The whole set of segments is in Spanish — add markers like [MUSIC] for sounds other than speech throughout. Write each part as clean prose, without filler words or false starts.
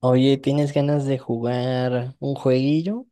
Oye, ¿tienes ganas de jugar un jueguillo?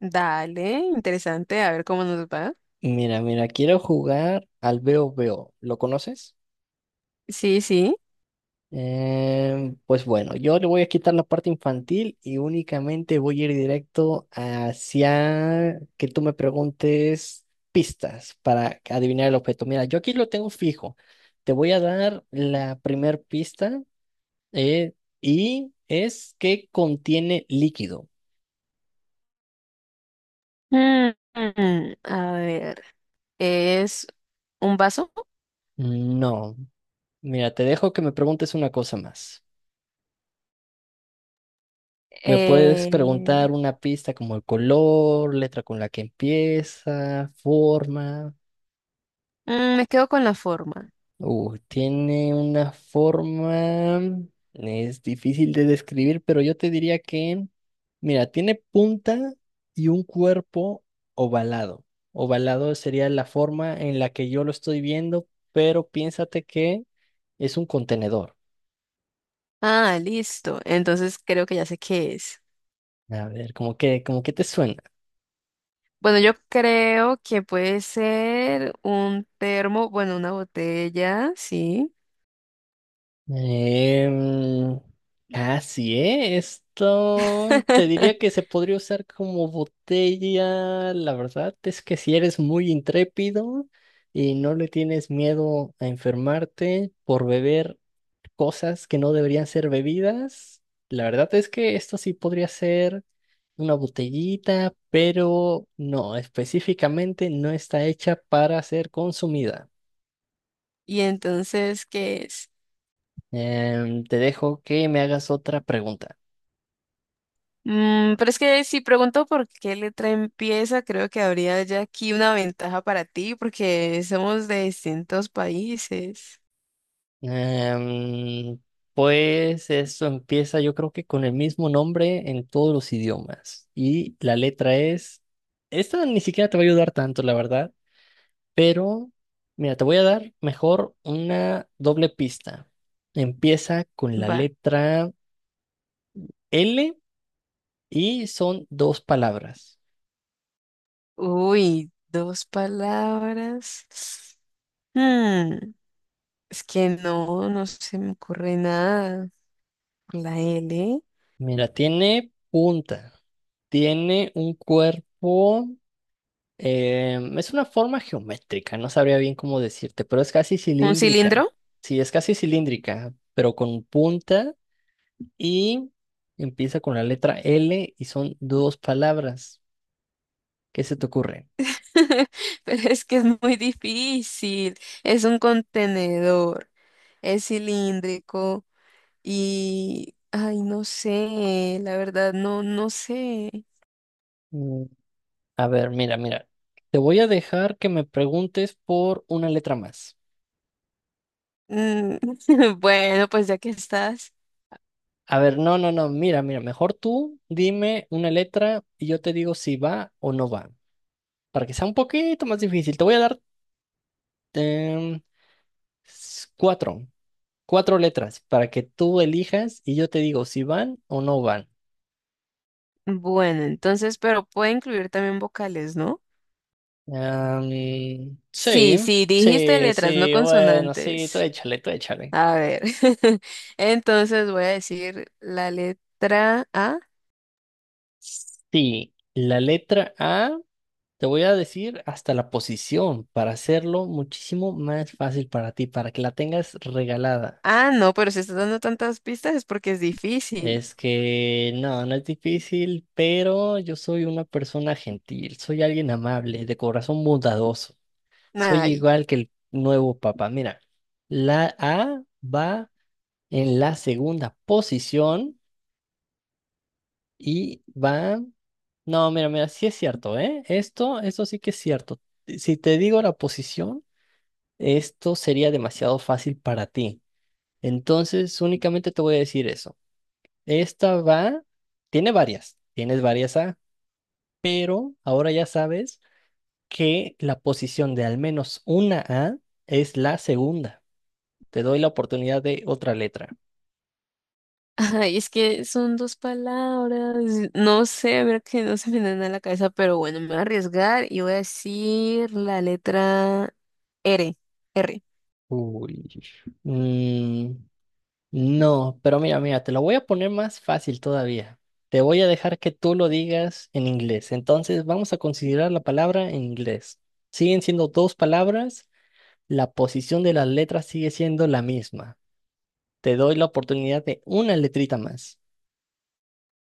Dale, interesante, a ver cómo nos va. Mira, mira, quiero jugar al Veo Veo. ¿Lo conoces? Sí, sí. Pues bueno, yo le voy a quitar la parte infantil y únicamente voy a ir directo hacia que tú me preguntes pistas para adivinar el objeto. Mira, yo aquí lo tengo fijo. Te voy a dar la primer pista eh, y es que contiene líquido. Mm, a ver, es un vaso. No, mira, te dejo que me preguntes una cosa más. ¿Me puedes Eh, preguntar una pista como el color, letra con la que empieza, forma? Me quedo con la forma. Tiene una forma, es difícil de describir, pero yo te diría que, mira, tiene punta y un cuerpo ovalado. Ovalado sería la forma en la que yo lo estoy viendo, pero piénsate que es un contenedor. Ah, listo. Entonces creo que ya sé qué es. A ver, ¿cómo que, como que te suena? Bueno, yo creo que puede ser un termo, bueno, una botella, sí. Em, Casi, ¿eh? Esto te diría [LAUGHS] que se podría usar como botella. La verdad es que si eres muy intrépido y no le tienes miedo a enfermarte por beber cosas que no deberían ser bebidas, la verdad es que esto sí podría ser una botellita, pero no, específicamente no está hecha para ser consumida. Y entonces, ¿qué es? Te dejo que me hagas otra pregunta. Mm, pero es que si pregunto por qué letra empieza, creo que habría ya aquí una ventaja para ti, porque somos de distintos países. Em, pues eso empieza, yo creo que con el mismo nombre en todos los idiomas. Y la letra es. Esta ni siquiera te va a ayudar tanto, la verdad. Pero, mira, te voy a dar mejor una doble pista. Empieza con la Va. letra L y son dos palabras. Uy, dos palabras. Mm, es que no se me ocurre nada. La L. Mira, tiene punta, tiene un cuerpo. Es una forma geométrica, no sabría bien cómo decirte, pero es casi ¿Un cilindro? cilíndrica. Sí, es casi cilíndrica, pero con punta y empieza con la letra L y son dos palabras. ¿Qué se te ocurre? [LAUGHS] Pero es que es muy difícil. Es un contenedor. Es cilíndrico. Y, ay, no sé, la verdad, no sé. Mm, A ver, mira, mira. Te voy a dejar que me preguntes por una letra más. Mm, [LAUGHS] bueno, pues ya que estás. A ver, no, no, no, mira, mira, mejor tú dime una letra y yo te digo si va o no va. Para que sea un poquito más difícil, te voy a dar em, cuatro. Cuatro letras para que tú elijas y yo te digo si van o no van. Bueno, entonces, pero puede incluir también vocales, ¿no? Am, Sí, sí, sí, dijiste sí, letras, no sí, bueno, sí, tú consonantes. échale, tú échale. A ver. [LAUGHS] Entonces voy a decir la letra A. Sí, la letra A, te voy a decir hasta la posición para hacerlo muchísimo más fácil para ti, para que la tengas regalada. Ah, no, pero si estás dando tantas pistas es porque es difícil. Es que no, no es difícil, pero yo soy una persona gentil, soy alguien amable, de corazón bondadoso. Soy Ay. igual que el nuevo papa. Mira, la A va en la segunda posición y va... No, mira, mira, sí es cierto, ¿eh? Esto sí que es cierto. Si te digo la posición, esto sería demasiado fácil para ti. Entonces, únicamente te voy a decir eso. Esta va, tiene varias, tienes varias A, pero ahora ya sabes que la posición de al menos una A es la segunda. Te doy la oportunidad de otra letra. Ay, es que son dos palabras. No sé, ver que no se me dan a la cabeza, pero bueno, me voy a arriesgar y voy a decir la letra R, R. Uy. Mm, no, pero mira, mira, te lo voy a poner más fácil todavía. Te voy a dejar que tú lo digas en inglés. Entonces vamos a considerar la palabra en inglés. Siguen siendo dos palabras, la posición de las letras sigue siendo la misma. Te doy la oportunidad de una letrita más.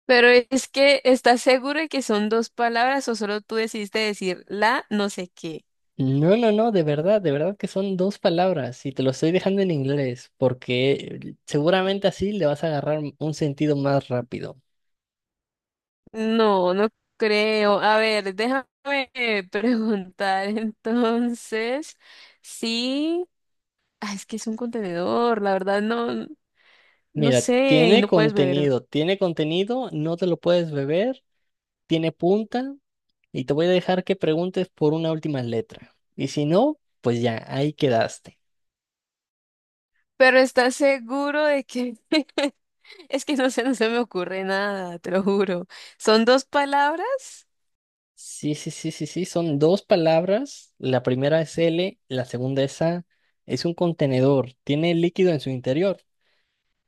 Pero es que, ¿estás seguro de que son dos palabras o solo tú decidiste decir la no sé qué? No, no, no, de verdad que son dos palabras y te lo estoy dejando en inglés porque seguramente así le vas a agarrar un sentido más rápido. No, no creo. A ver, déjame [LAUGHS] preguntar entonces. Sí, ah, es que es un contenedor, la verdad no Mira, sé y no puedes beber. Tiene contenido, no te lo puedes beber, tiene punta y te voy a dejar que preguntes por una última letra. Y si no, pues ya, ahí quedaste. Pero ¿estás seguro de que... [LAUGHS] Es que no sé, no se me ocurre nada, te lo juro. ¿Son dos palabras? Sí, sí, sí, sí, sí, son dos palabras, la primera es L, la segunda es A, es un contenedor, tiene líquido en su interior,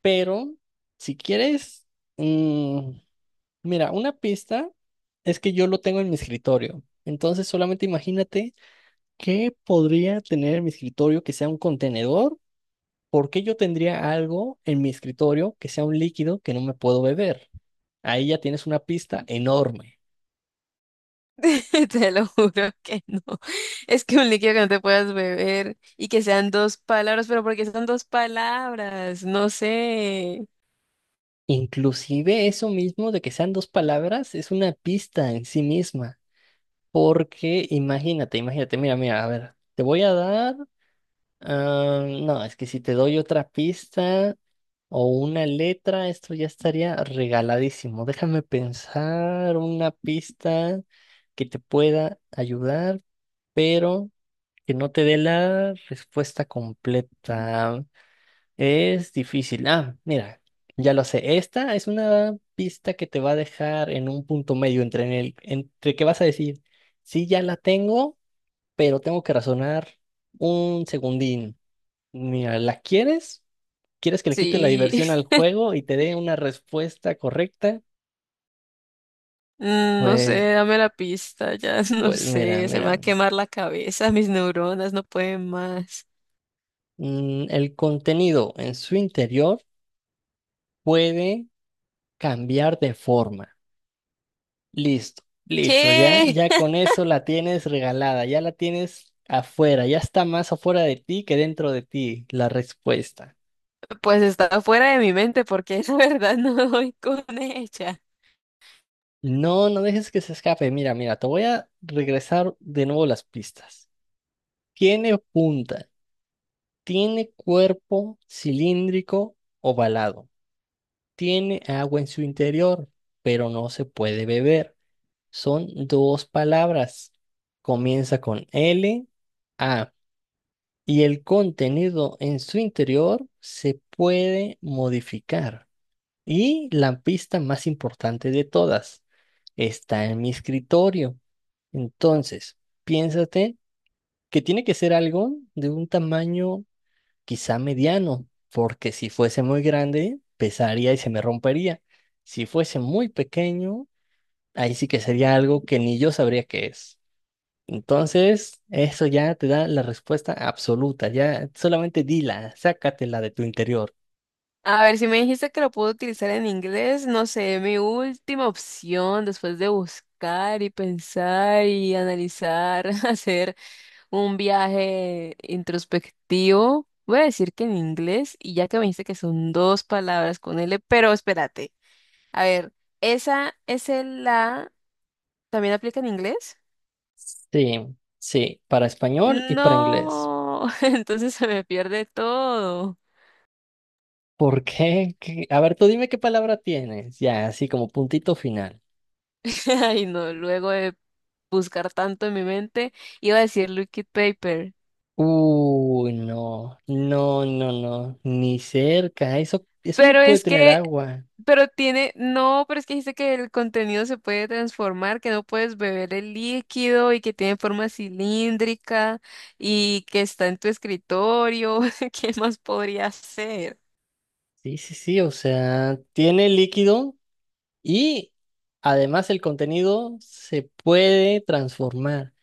pero si quieres, mm, mira, una pista es que yo lo tengo en mi escritorio, entonces solamente imagínate ¿qué podría tener en mi escritorio que sea un contenedor? ¿Por qué yo tendría algo en mi escritorio que sea un líquido que no me puedo beber? Ahí ya tienes una pista enorme. [LAUGHS] Te lo juro que no. Es que un líquido que no te puedas beber y que sean dos palabras, pero porque son dos palabras. No sé. Inclusive eso mismo de que sean dos palabras es una pista en sí misma. Porque imagínate, imagínate, mira, mira, a ver, te voy a dar Ah, no, es que si te doy otra pista o una letra, esto ya estaría regaladísimo. Déjame pensar una pista que te pueda ayudar, pero que no te dé la respuesta completa. Es difícil. Ah, mira, ya lo sé. Esta es una pista que te va a dejar en un punto medio entre, en el, entre que vas a decir, sí, ya la tengo, pero tengo que razonar un segundín. Mira, ¿la quieres? ¿Quieres que le quite la Sí, diversión al [LAUGHS] juego y te dé una respuesta correcta? mm, no Pues, sé, dame la pista, ya [LAUGHS] no pues mira, sé, se me va a mira. quemar la cabeza, mis neuronas no pueden más. El contenido en su interior puede cambiar de forma. Listo, listo, ya, ¿Qué? ya [LAUGHS] con eso la tienes regalada, ya la tienes afuera, ya está más afuera de ti que dentro de ti la respuesta. Pues está fuera de mi mente porque [LAUGHS] la verdad no doy con ella. No, no dejes que se escape. Mira, mira, te voy a regresar de nuevo las pistas. Tiene punta. Tiene cuerpo cilíndrico ovalado. Tiene agua en su interior, pero no se puede beber. Son dos palabras. Comienza con L, A. Y el contenido en su interior se puede modificar. Y la pista más importante de todas está en mi escritorio. Entonces, piénsate que tiene que ser algo de un tamaño quizá mediano, porque si fuese muy grande, pesaría y se me rompería. Si fuese muy pequeño, ahí sí que sería algo que ni yo sabría qué es. Entonces, eso ya te da la respuesta absoluta, ya solamente dila, sácatela de tu interior. A ver, si me dijiste que lo puedo utilizar en inglés, no sé, mi última opción después de buscar y pensar y analizar, [LAUGHS] hacer un viaje introspectivo, voy a decir que en inglés, y ya que me dijiste que son dos palabras con L, pero espérate, a ver, ¿esa es la también aplica en inglés? Sí, sí, para español y para inglés. No, [LAUGHS] entonces se me pierde todo. ¿Por qué? ¿Qué? A ver, tú dime qué palabra tienes, ya, así como puntito final. [LAUGHS] Ay, no, luego de buscar tanto en mi mente, iba a decir liquid paper. Uy, no, no, no, no, ni cerca, eso no Pero puede es tener que, agua. pero tiene, no, pero es que dice que el contenido se puede transformar, que no puedes beber el líquido y que tiene forma cilíndrica y que está en tu escritorio. [LAUGHS] ¿Qué más podría ser? Sí, sí, sí, o sea, tiene líquido y además el contenido se puede transformar.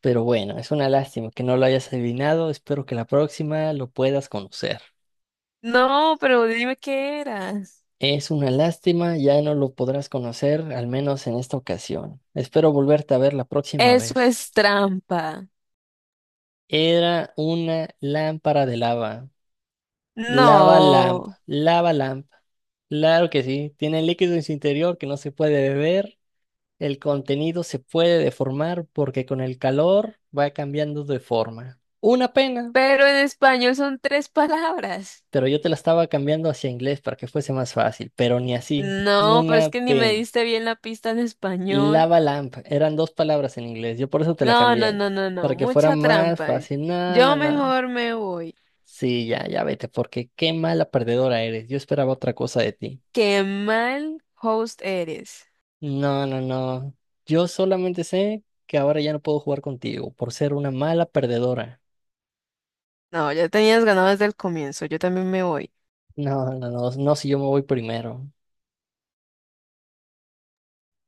Pero bueno, es una lástima que no lo hayas adivinado, espero que la próxima lo puedas conocer. No, pero dime qué eras. Es una lástima, ya no lo podrás conocer, al menos en esta ocasión. Espero volverte a ver la próxima Eso vez. es trampa. Era una lámpara de lava. Lava Lamp, No, Lava Lamp. Claro que sí, tiene líquido en su interior que no se puede beber. El contenido se puede deformar porque con el calor va cambiando de forma. Una pena, pero en español son tres palabras. pero yo te la estaba cambiando hacia inglés para que fuese más fácil, pero ni así. No, pero es Una que ni me pena. diste bien la pista en español. Lava lamp, eran dos palabras en inglés, yo por eso te la No, no, cambié, no, no, no, para que fuera mucha más trampa. fácil. No, Yo no, no. mejor me voy. Sí, ya, ya vete, porque qué mala perdedora eres. Yo esperaba otra cosa de ti. Qué mal host eres. No, no, no. Yo solamente sé que ahora ya no puedo jugar contigo por ser una mala perdedora. No, ya tenías ganado desde el comienzo, yo también me voy. No, no, no, no si yo me voy primero.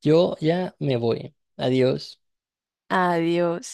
Yo ya me voy. Adiós. Adiós.